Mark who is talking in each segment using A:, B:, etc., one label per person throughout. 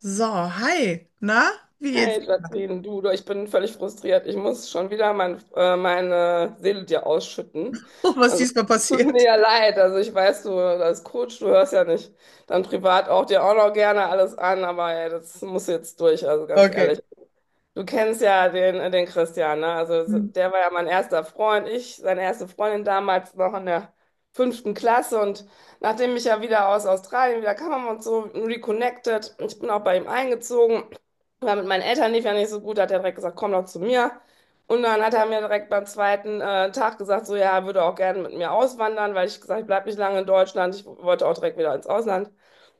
A: So, hi. Na, wie geht's?
B: Hey Jacqueline, du, ich bin völlig frustriert. Ich muss schon wieder meine Seele dir ausschütten.
A: Oh, was ist
B: Also
A: diesmal
B: tut mir
A: passiert?
B: ja leid. Also ich weiß, du als Coach, du hörst ja nicht dann privat auch dir auch noch gerne alles an, aber ja, das muss jetzt durch, also ganz
A: Okay.
B: ehrlich. Du kennst ja den Christian, ne? Also der war ja mein erster Freund, seine erste Freundin damals noch in der fünften Klasse. Und nachdem ich ja wieder aus Australien wieder kam, haben wir uns so reconnected. Ich bin auch bei ihm eingezogen. Weil mit meinen Eltern lief ja nicht so gut, da hat er direkt gesagt, komm doch zu mir. Und dann hat er mir direkt beim zweiten Tag gesagt, so ja, er würde auch gerne mit mir auswandern, weil ich gesagt, ich bleibe nicht lange in Deutschland, ich wollte auch direkt wieder ins Ausland.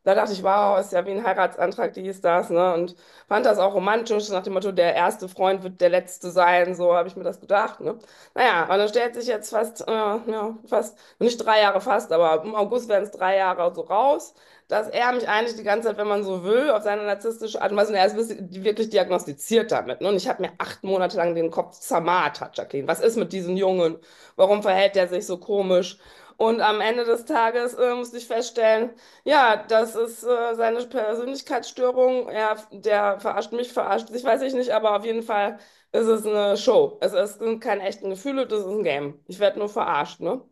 B: Da dachte ich, wow, ist ja wie ein Heiratsantrag, dies, das, ne? Und fand das auch romantisch, so nach dem Motto, der erste Freund wird der letzte sein, so habe ich mir das gedacht, ne? Naja, und dann stellt sich jetzt fast, nicht 3 Jahre fast, aber im August werden es 3 Jahre so raus, dass er mich eigentlich die ganze Zeit, wenn man so will, auf seine narzisstische Art und Weise, und er ist wirklich wirklich diagnostiziert damit, ne? Und ich habe mir 8 Monate lang den Kopf zermartert, Jacqueline. Was ist mit diesem Jungen? Warum verhält er sich so komisch? Und am Ende des Tages, musste ich feststellen, ja, das ist seine Persönlichkeitsstörung. Er, der verarscht mich, verarscht sich, weiß ich nicht, aber auf jeden Fall ist es eine Show. Es sind keine echten Gefühle, das ist ein Game. Ich werde nur verarscht, ne?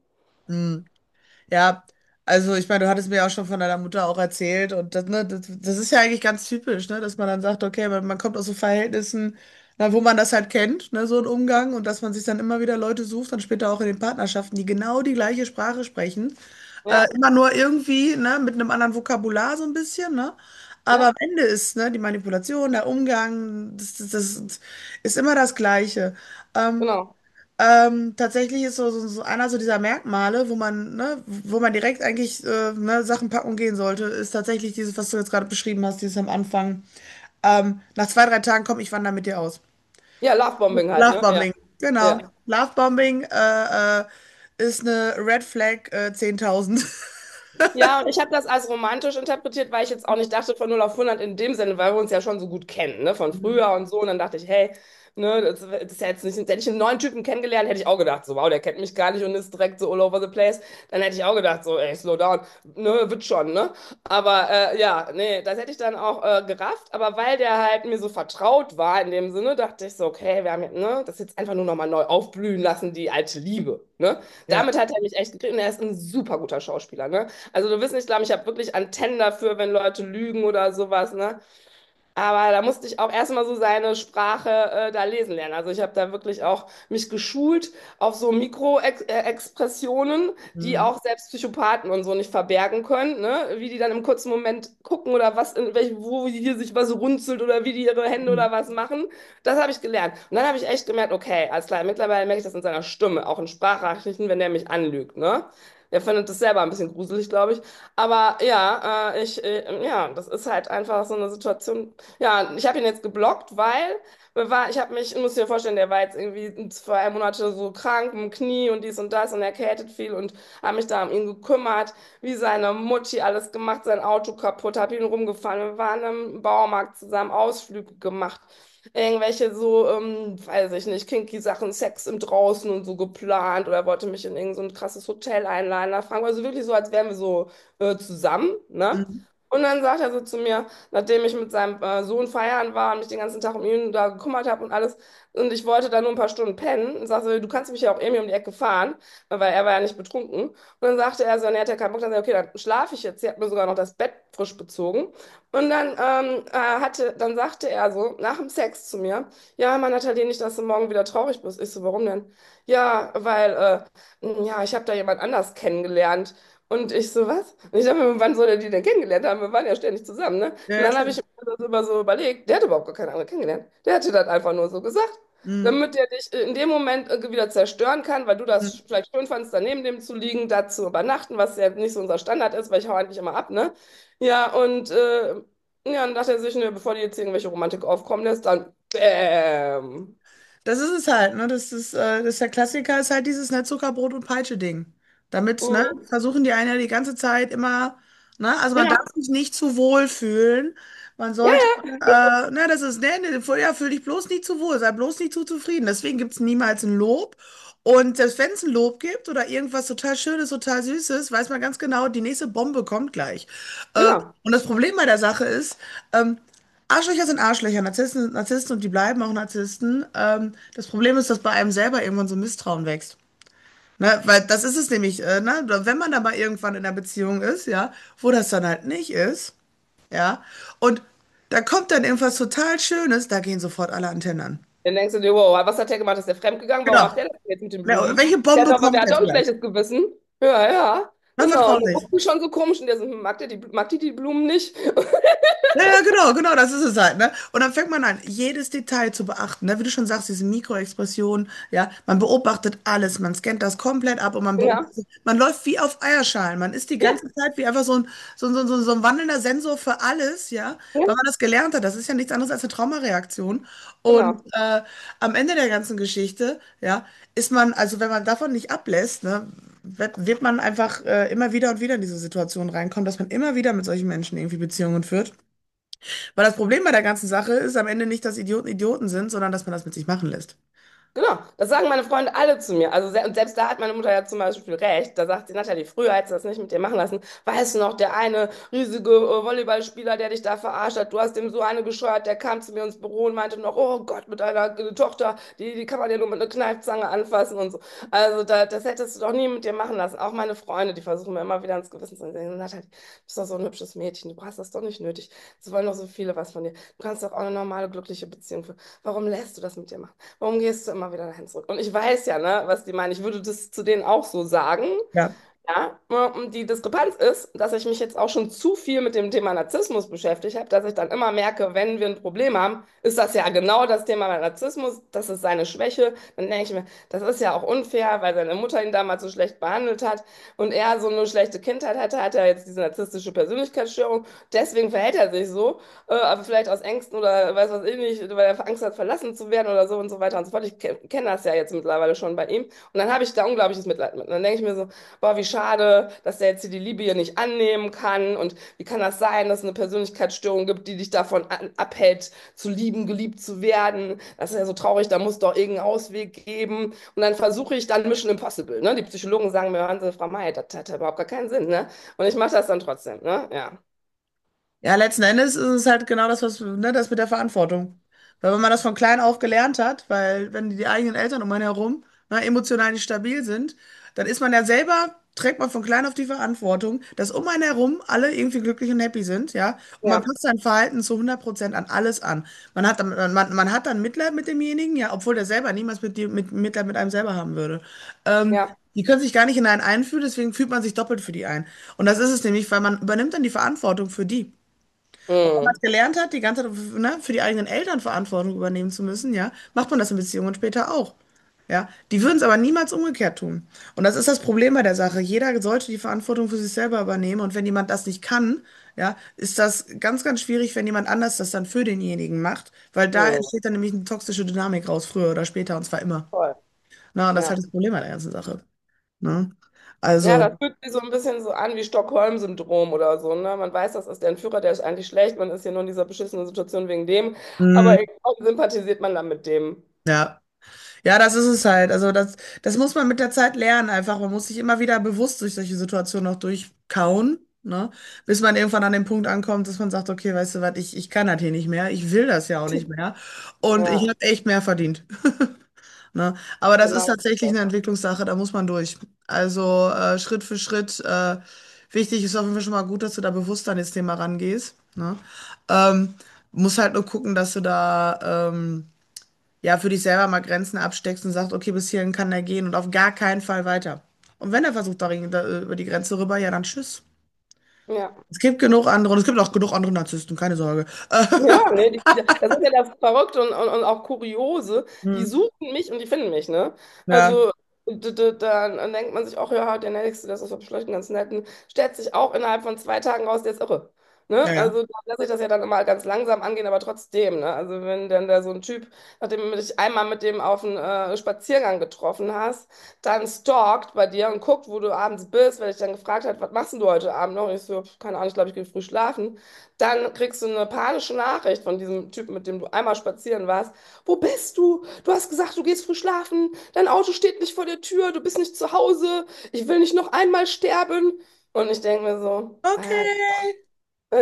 A: Hm. Ja, also ich meine, du hattest mir ja auch schon von deiner Mutter auch erzählt und das, ne, das ist ja eigentlich ganz typisch, ne, dass man dann sagt, okay, man kommt aus so Verhältnissen, na, wo man das halt kennt, ne, so ein Umgang und dass man sich dann immer wieder Leute sucht, dann später auch in den Partnerschaften, die genau die gleiche Sprache sprechen,
B: Ja,
A: immer nur irgendwie, ne, mit einem anderen Vokabular so ein bisschen, ne, aber am
B: ja,
A: Ende ist, ne, die Manipulation, der Umgang, das ist immer das Gleiche. Ähm,
B: genau.
A: Tatsächlich ist so einer so dieser Merkmale, wo man, ne, wo man direkt eigentlich ne, Sachen packen und gehen sollte, ist tatsächlich dieses, was du jetzt gerade beschrieben hast, dieses am Anfang. Nach zwei, drei Tagen komm, ich wandere mit dir aus.
B: Ja, Lovebombing halt, ne? Ja,
A: Lovebombing, genau.
B: ja.
A: Lovebombing ist eine Red Flag 10.000.
B: Ja, und ich habe das als romantisch interpretiert, weil ich jetzt auch nicht dachte von null auf hundert in dem Sinne, weil wir uns ja schon so gut kennen, ne, von früher und so. Und dann dachte ich, hey, ne, das ist ja jetzt nicht, hätte ich einen neuen Typen kennengelernt, hätte ich auch gedacht, so, wow, der kennt mich gar nicht und ist direkt so all over the place. Dann hätte ich auch gedacht, so, ey, slow down, ne, wird schon, ne? Aber ja, nee, das hätte ich dann auch gerafft. Aber weil der halt mir so vertraut war in dem Sinne, dachte ich so, okay, wir haben jetzt, ne, das jetzt einfach nur nochmal neu aufblühen lassen, die alte Liebe, ne?
A: Ja.
B: Damit hat er mich echt gekriegt und er ist ein super guter Schauspieler, ne? Also du wirst nicht glauben, ich habe wirklich Antennen dafür, wenn Leute lügen oder sowas, ne? Aber da musste ich auch erstmal so seine Sprache da lesen lernen. Also ich habe da wirklich auch mich geschult auf so Mikroexpressionen, die
A: Mhm.
B: auch selbst Psychopathen und so nicht verbergen können, ne? Wie die dann im kurzen Moment gucken oder was in welch, wo hier sich was runzelt oder wie die ihre Hände
A: Mhm.
B: oder was machen. Das habe ich gelernt. Und dann habe ich echt gemerkt, okay, alles klar, mittlerweile merke ich das in seiner Stimme, auch in Sprachnachrichten, wenn der mich anlügt, ne? Der findet das selber ein bisschen gruselig, glaube ich. Aber ja, ja, das ist halt einfach so eine Situation. Ja, ich habe ihn jetzt geblockt, weil ich muss dir vorstellen, der war jetzt irgendwie 2 Monate so krank im Knie und dies und das und erkältet viel und habe mich da um ihn gekümmert, wie seine Mutti alles gemacht, sein Auto kaputt, habe ihn rumgefahren. Wir waren im Baumarkt zusammen, Ausflüge gemacht, irgendwelche so, weiß ich nicht, kinky Sachen, Sex im Draußen und so geplant oder wollte mich in irgend so ein krasses Hotel einladen. Da fragen also wirklich so, als wären wir so zusammen, ne?
A: Mhm.
B: Und dann sagt er so zu mir, nachdem ich mit seinem Sohn feiern war und mich den ganzen Tag um ihn da gekümmert habe und alles. Und ich wollte da nur ein paar Stunden pennen und sagte, so, du kannst mich ja auch irgendwie um die Ecke fahren, weil er war ja nicht betrunken. Und dann sagte er so, und er hat ja keinen Bock, dann sagte er okay, dann schlafe ich jetzt. Sie hat mir sogar noch das Bett frisch bezogen. Und dann, dann sagte er so, nach dem Sex zu mir, ja, Mann, Nathalie, nicht, dass du morgen wieder traurig bist. Ich so, warum denn? Ja, ja, ich habe da jemand anders kennengelernt. Und ich so, was? Und ich dachte mir, wann soll er die denn kennengelernt haben? Wir waren ja ständig zusammen, ne?
A: Ja,
B: Und
A: ja,
B: dann habe ich
A: klar.
B: mir das immer so überlegt, der hat überhaupt gar keine andere kennengelernt. Der hat dir das einfach nur so gesagt,
A: Mhm.
B: damit er dich in dem Moment irgendwie wieder zerstören kann, weil du das
A: Mhm.
B: vielleicht schön fandst, daneben dem zu liegen, da zu übernachten, was ja nicht so unser Standard ist, weil ich hau eigentlich immer ab, ne? Ja, und ja, dann dachte er sich, ne, bevor die jetzt irgendwelche Romantik aufkommen lässt, dann bäm.
A: Das ist es halt, ne? Das ist der Klassiker, ist halt dieses, ne, Zuckerbrot und Peitsche-Ding. Damit, ne,
B: Mhm.
A: versuchen die einen ja die ganze Zeit immer, ne, also man darf
B: Genau.
A: sich nicht zu wohl fühlen. Man
B: Ja,
A: sollte,
B: ja,
A: ne, das ist, ne, ne, ja, fühl dich bloß nicht zu wohl, sei bloß nicht zu zufrieden. Deswegen gibt es niemals ein Lob. Und selbst wenn es ein Lob gibt oder irgendwas total Schönes, total Süßes, weiß man ganz genau, die nächste Bombe kommt gleich. Äh,
B: genau.
A: und das Problem bei der Sache ist, ähm, Arschlöcher sind Arschlöcher, Narzissten sind Narzissten und die bleiben auch Narzissten. Das Problem ist, dass bei einem selber irgendwann so ein Misstrauen wächst. Ne? Weil das ist es nämlich, ne? Wenn man dann mal irgendwann in einer Beziehung ist, ja, wo das dann halt nicht ist, ja, und da kommt dann irgendwas total Schönes, da gehen sofort alle Antennen an.
B: Dann denkst du dir, wow, was hat der gemacht? Ist der fremdgegangen? Warum
A: Genau.
B: macht der das jetzt mit den
A: Ja,
B: Blumen?
A: welche
B: Der hat
A: Bombe
B: doch,
A: kommt
B: der hat doch
A: jetzt
B: ein
A: gleich?
B: schlechtes Gewissen. Ja, ja,
A: Man
B: genau.
A: vertraut
B: Und dann
A: nicht.
B: guckst du schon so komisch und der so, hm, mag der die, mag die die Blumen nicht?
A: Ja, ja, genau, genau, das ist es halt, ne? Und dann fängt man an, jedes Detail zu beachten, ne? Wie du schon sagst, diese Mikroexpressionen, ja, man beobachtet alles, man scannt das komplett ab und man
B: Ja,
A: beobachtet, man läuft wie auf Eierschalen, man ist die
B: ja,
A: ganze Zeit wie einfach so ein, so ein, so ein, so ein so ein wandelnder Sensor für alles, ja,
B: ja,
A: weil man das gelernt hat, das ist ja nichts anderes als eine Traumareaktion. Und
B: genau.
A: am Ende der ganzen Geschichte, ja, ist man, also wenn man davon nicht ablässt, ne, wird man einfach immer wieder und wieder in diese Situation reinkommen, dass man immer wieder mit solchen Menschen irgendwie Beziehungen führt. Weil das Problem bei der ganzen Sache ist am Ende nicht, dass Idioten Idioten sind, sondern dass man das mit sich machen lässt.
B: Genau, das sagen meine Freunde alle zu mir. Also se und selbst da hat meine Mutter ja zum Beispiel recht. Da sagt sie, Natalie, früher hättest du das nicht mit dir machen lassen. Weißt du noch, der eine riesige Volleyballspieler, der dich da verarscht hat, du hast dem so eine gescheuert, der kam zu mir ins Büro und meinte noch, oh Gott, mit deiner Tochter, die, die kann man ja nur mit einer Kneifzange anfassen und so. Also da, das hättest du doch nie mit dir machen lassen. Auch meine Freunde, die versuchen mir immer wieder ins Gewissen zu sagen, Natalie, du bist doch so ein hübsches Mädchen, du hast das doch nicht nötig. Es wollen doch so viele was von dir. Du kannst doch auch eine normale, glückliche Beziehung führen. Warum lässt du das mit dir machen? Warum gehst du immer wieder dahin zurück? Und ich weiß ja, ne, was die meinen. Ich würde das zu denen auch so sagen.
A: Ja.
B: Ja, und die Diskrepanz ist, dass ich mich jetzt auch schon zu viel mit dem Thema Narzissmus beschäftigt habe, dass ich dann immer merke, wenn wir ein Problem haben, ist das ja genau das Thema bei Narzissmus, das ist seine Schwäche. Dann denke ich mir, das ist ja auch unfair, weil seine Mutter ihn damals so schlecht behandelt hat und er so eine schlechte Kindheit hatte, hat er jetzt diese narzisstische Persönlichkeitsstörung. Deswegen verhält er sich so, aber vielleicht aus Ängsten oder weiß was ich nicht, weil er Angst hat, verlassen zu werden oder so und so weiter und so fort. Ich kenne das ja jetzt mittlerweile schon bei ihm. Und dann habe ich da unglaubliches Mitleid mit. Und dann denke ich mir so, boah, wie schade, dass der jetzt hier die Liebe hier nicht annehmen kann. Und wie kann das sein, dass es eine Persönlichkeitsstörung gibt, die dich davon abhält, zu lieben, geliebt zu werden? Das ist ja so traurig, da muss doch irgendeinen Ausweg geben. Und dann versuche ich dann Mission Impossible. Ne? Die Psychologen sagen mir, hören Sie, Frau May, das hat ja überhaupt gar keinen Sinn. Ne? Und ich mache das dann trotzdem. Ne? Ja,
A: Ja, letzten Endes ist es halt genau das, was, ne, das mit der Verantwortung. Weil wenn man das von klein auf gelernt hat, weil wenn die eigenen Eltern um einen herum, ne, emotional nicht stabil sind, dann ist man ja selber, trägt man von klein auf die Verantwortung, dass um einen herum alle irgendwie glücklich und happy sind, ja. Und man
B: ja,
A: passt sein Verhalten zu 100% an alles an. Man hat dann, man hat dann Mitleid mit demjenigen, ja, obwohl der selber niemals Mitleid mit einem selber haben würde. Ähm,
B: ja.
A: Die können sich gar nicht in einen einfühlen, deswegen fühlt man sich doppelt für die ein. Und das ist es nämlich, weil man übernimmt dann die Verantwortung für die. Und wenn man
B: Mm,
A: es gelernt hat, die ganze Zeit, ne, für die eigenen Eltern Verantwortung übernehmen zu müssen, ja, macht man das in Beziehungen später auch. Ja, die würden es aber niemals umgekehrt tun. Und das ist das Problem bei der Sache. Jeder sollte die Verantwortung für sich selber übernehmen. Und wenn jemand das nicht kann, ja, ist das ganz, ganz schwierig, wenn jemand anders das dann für denjenigen macht, weil da
B: mm,
A: entsteht dann nämlich eine toxische Dynamik raus, früher oder später, und zwar immer.
B: toll.
A: Na, und das ist halt
B: Ja.
A: das Problem an der ganzen Sache. Ne?
B: Ja,
A: Also,
B: das fühlt sich so ein bisschen so an wie Stockholm-Syndrom oder so, ne? Man weiß, das ist der Entführer, der ist eigentlich schlecht, man ist hier nur in dieser beschissenen Situation wegen dem,
A: mh,
B: aber irgendwie sympathisiert man dann mit dem.
A: ja. Ja, das ist es halt. Also das, muss man mit der Zeit lernen einfach. Man muss sich immer wieder bewusst durch solche Situationen auch durchkauen, ne? Bis man irgendwann an den Punkt ankommt, dass man sagt, okay, weißt du was, ich kann das hier nicht mehr, ich will das ja auch nicht mehr und ich
B: Ja,
A: habe echt mehr verdient, ne? Aber das ist
B: genau. Das ist
A: tatsächlich
B: das.
A: eine Entwicklungssache, da muss man durch. Also Schritt für Schritt. Wichtig ist auf jeden Fall schon mal gut, dass du da bewusst an das Thema rangehst, ne? Ähm, Musst halt nur gucken, dass du da, ja, für dich selber mal Grenzen absteckst und sagst, okay, bis hierhin kann er gehen und auf gar keinen Fall weiter. Und wenn er versucht, da, über die Grenze rüber, ja, dann tschüss.
B: Ja.
A: Es gibt genug andere und es gibt auch genug andere Narzissten, keine Sorge.
B: Ja, ne, die, das ist ja das Verrückte und, auch Kuriose. Die
A: Hm.
B: suchen mich und die finden mich, ne?
A: Ja,
B: Also dann denkt man sich auch, ja, der Nächste, das ist doch vielleicht ein ganz netten, stellt sich auch innerhalb von 2 Tagen raus, der ist irre.
A: ja,
B: Ne?
A: ja.
B: Also da lässt sich das ja dann immer ganz langsam angehen, aber trotzdem, ne? Also wenn dann da so ein Typ, nachdem du dich einmal mit dem auf einen Spaziergang getroffen hast, dann stalkt bei dir und guckt, wo du abends bist, weil ich dann gefragt hat, was machst denn du heute Abend noch? Und ich so, keine Ahnung, ich glaube, ich gehe früh schlafen. Dann kriegst du eine panische Nachricht von diesem Typen, mit dem du einmal spazieren warst. Wo bist du? Du hast gesagt, du gehst früh schlafen. Dein Auto steht nicht vor der Tür. Du bist nicht zu Hause. Ich will nicht noch einmal sterben. Und ich denke mir so, Alter.
A: Okay.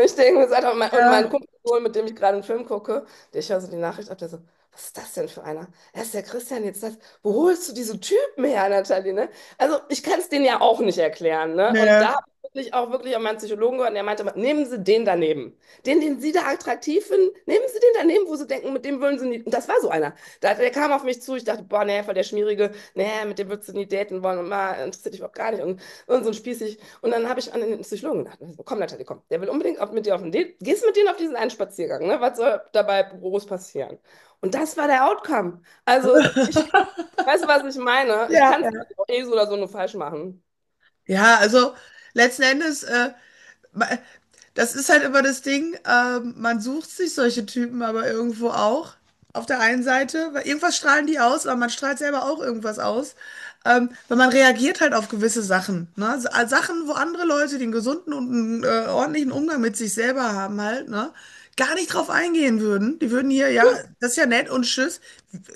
B: Ich denke mir das einfach, und mein
A: Ja,
B: Kumpel, mit dem ich gerade einen Film gucke, der ich höre so die Nachricht ab, der so, was ist das denn für einer? Er ist der Christian jetzt das. Wo holst du diese Typen her, Nathalie, ne? Also ich kann es denen ja auch nicht erklären, ne? Und da
A: ja,
B: habe ich wirklich auch wirklich an meinen Psychologen gehört, und der meinte, immer, nehmen Sie den daneben. Den, den Sie da attraktiv finden, nehmen Sie den daneben, wo Sie denken, mit dem würden Sie nie. Und das war so einer. Da, der kam auf mich zu, ich dachte, boah, nee, voll der Schmierige, nee, mit dem würdest du nie daten wollen und mal interessiert dich überhaupt gar nicht. Und so ein Spießig. Und dann habe ich an den Psychologen gedacht, also, komm Natalie, komm, der will unbedingt auf, mit dir auf den Date, gehst mit denen auf diesen einen Spaziergang, ne? Was soll dabei groß passieren? Und das war der Outcome. Also, weißt du, was ich meine? Ich
A: ja,
B: kann es
A: ja.
B: auch eh so oder so nur falsch machen.
A: Ja, also letzten Endes. Ma- Das ist halt immer das Ding, man sucht sich solche Typen aber irgendwo auch. Auf der einen Seite, weil irgendwas strahlen die aus, aber man strahlt selber auch irgendwas aus. Weil man reagiert halt auf gewisse Sachen. Ne? Sachen, wo andere Leute den gesunden und einen, ordentlichen Umgang mit sich selber haben halt, ne? Gar nicht drauf eingehen würden. Die würden hier, ja, das ist ja nett und tschüss.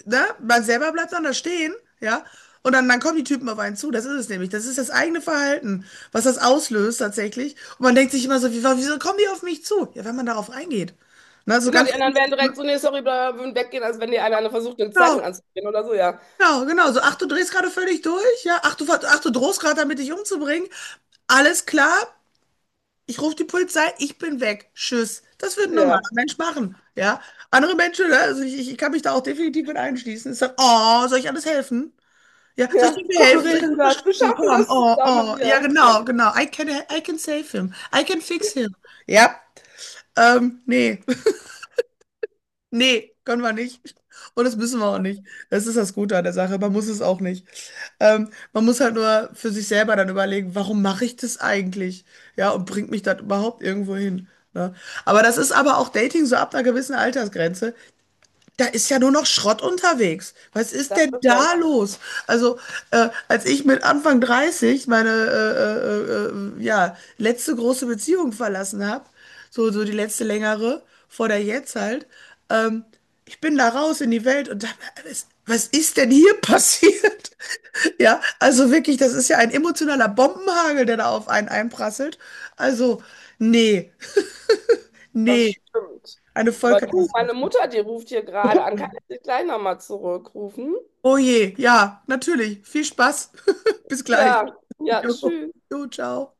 A: Ne? Man selber bleibt dann da stehen, ja. Und dann, kommen die Typen auf einen zu. Das ist es nämlich. Das ist das eigene Verhalten, was das auslöst tatsächlich. Und man denkt sich immer so, wieso kommen die auf mich zu? Ja, wenn man darauf eingeht. Na so
B: Genau,
A: ganz,
B: die anderen wären direkt
A: genau,
B: so, nee, sorry, bla, bla, würden weggehen, als wenn die eine versucht, eine
A: genau,
B: Zeitung anzudrehen oder so, ja.
A: genau. So, ach, du drehst gerade völlig durch, ja, ach, du drohst gerade damit, dich umzubringen. Alles klar, ich rufe die Polizei, ich bin weg. Tschüss. Das wird ein normaler
B: Ja,
A: Mensch machen, ja. Andere Menschen, ne, also ich kann mich da auch definitiv mit einschließen. Ich sage, oh, soll ich alles helfen? Ja, soll ich
B: ja,
A: dir mir
B: komm,
A: helfen?
B: wir
A: Soll ich dir
B: regeln das, wir
A: unterstützen?
B: schaffen
A: Komm,
B: das
A: oh,
B: zusammen,
A: oh. Ja,
B: ja. Ja.
A: genau, genau. I can save him. I can fix him. Ja, nee. Nee, können wir nicht. Und das müssen wir auch nicht. Das ist das Gute an der Sache. Man muss es auch nicht. Man muss halt nur für sich selber dann überlegen, warum mache ich das eigentlich? Ja, und bringt mich das überhaupt irgendwo hin? Ne? Aber das ist aber auch Dating so ab einer gewissen Altersgrenze. Da ist ja nur noch Schrott unterwegs. Was ist
B: Das
A: denn
B: ist das,
A: da los? Also, als ich mit Anfang 30 meine ja, letzte große Beziehung verlassen habe, so die letzte längere, vor der jetzt halt, ähm, ich bin da raus in die Welt und dachte, was ist denn hier passiert? Ja, also wirklich, das ist ja ein emotionaler Bombenhagel, der da auf einen einprasselt. Also, nee, nee,
B: das stimmt.
A: eine
B: Aber du, meine
A: Vollkatastrophe.
B: Mutter, die ruft hier gerade an, kann ich dich gleich nochmal zurückrufen?
A: Oh je, ja, natürlich. Viel Spaß. Bis gleich.
B: Ja, ja,
A: Jo,
B: tschüss.
A: jo, ciao.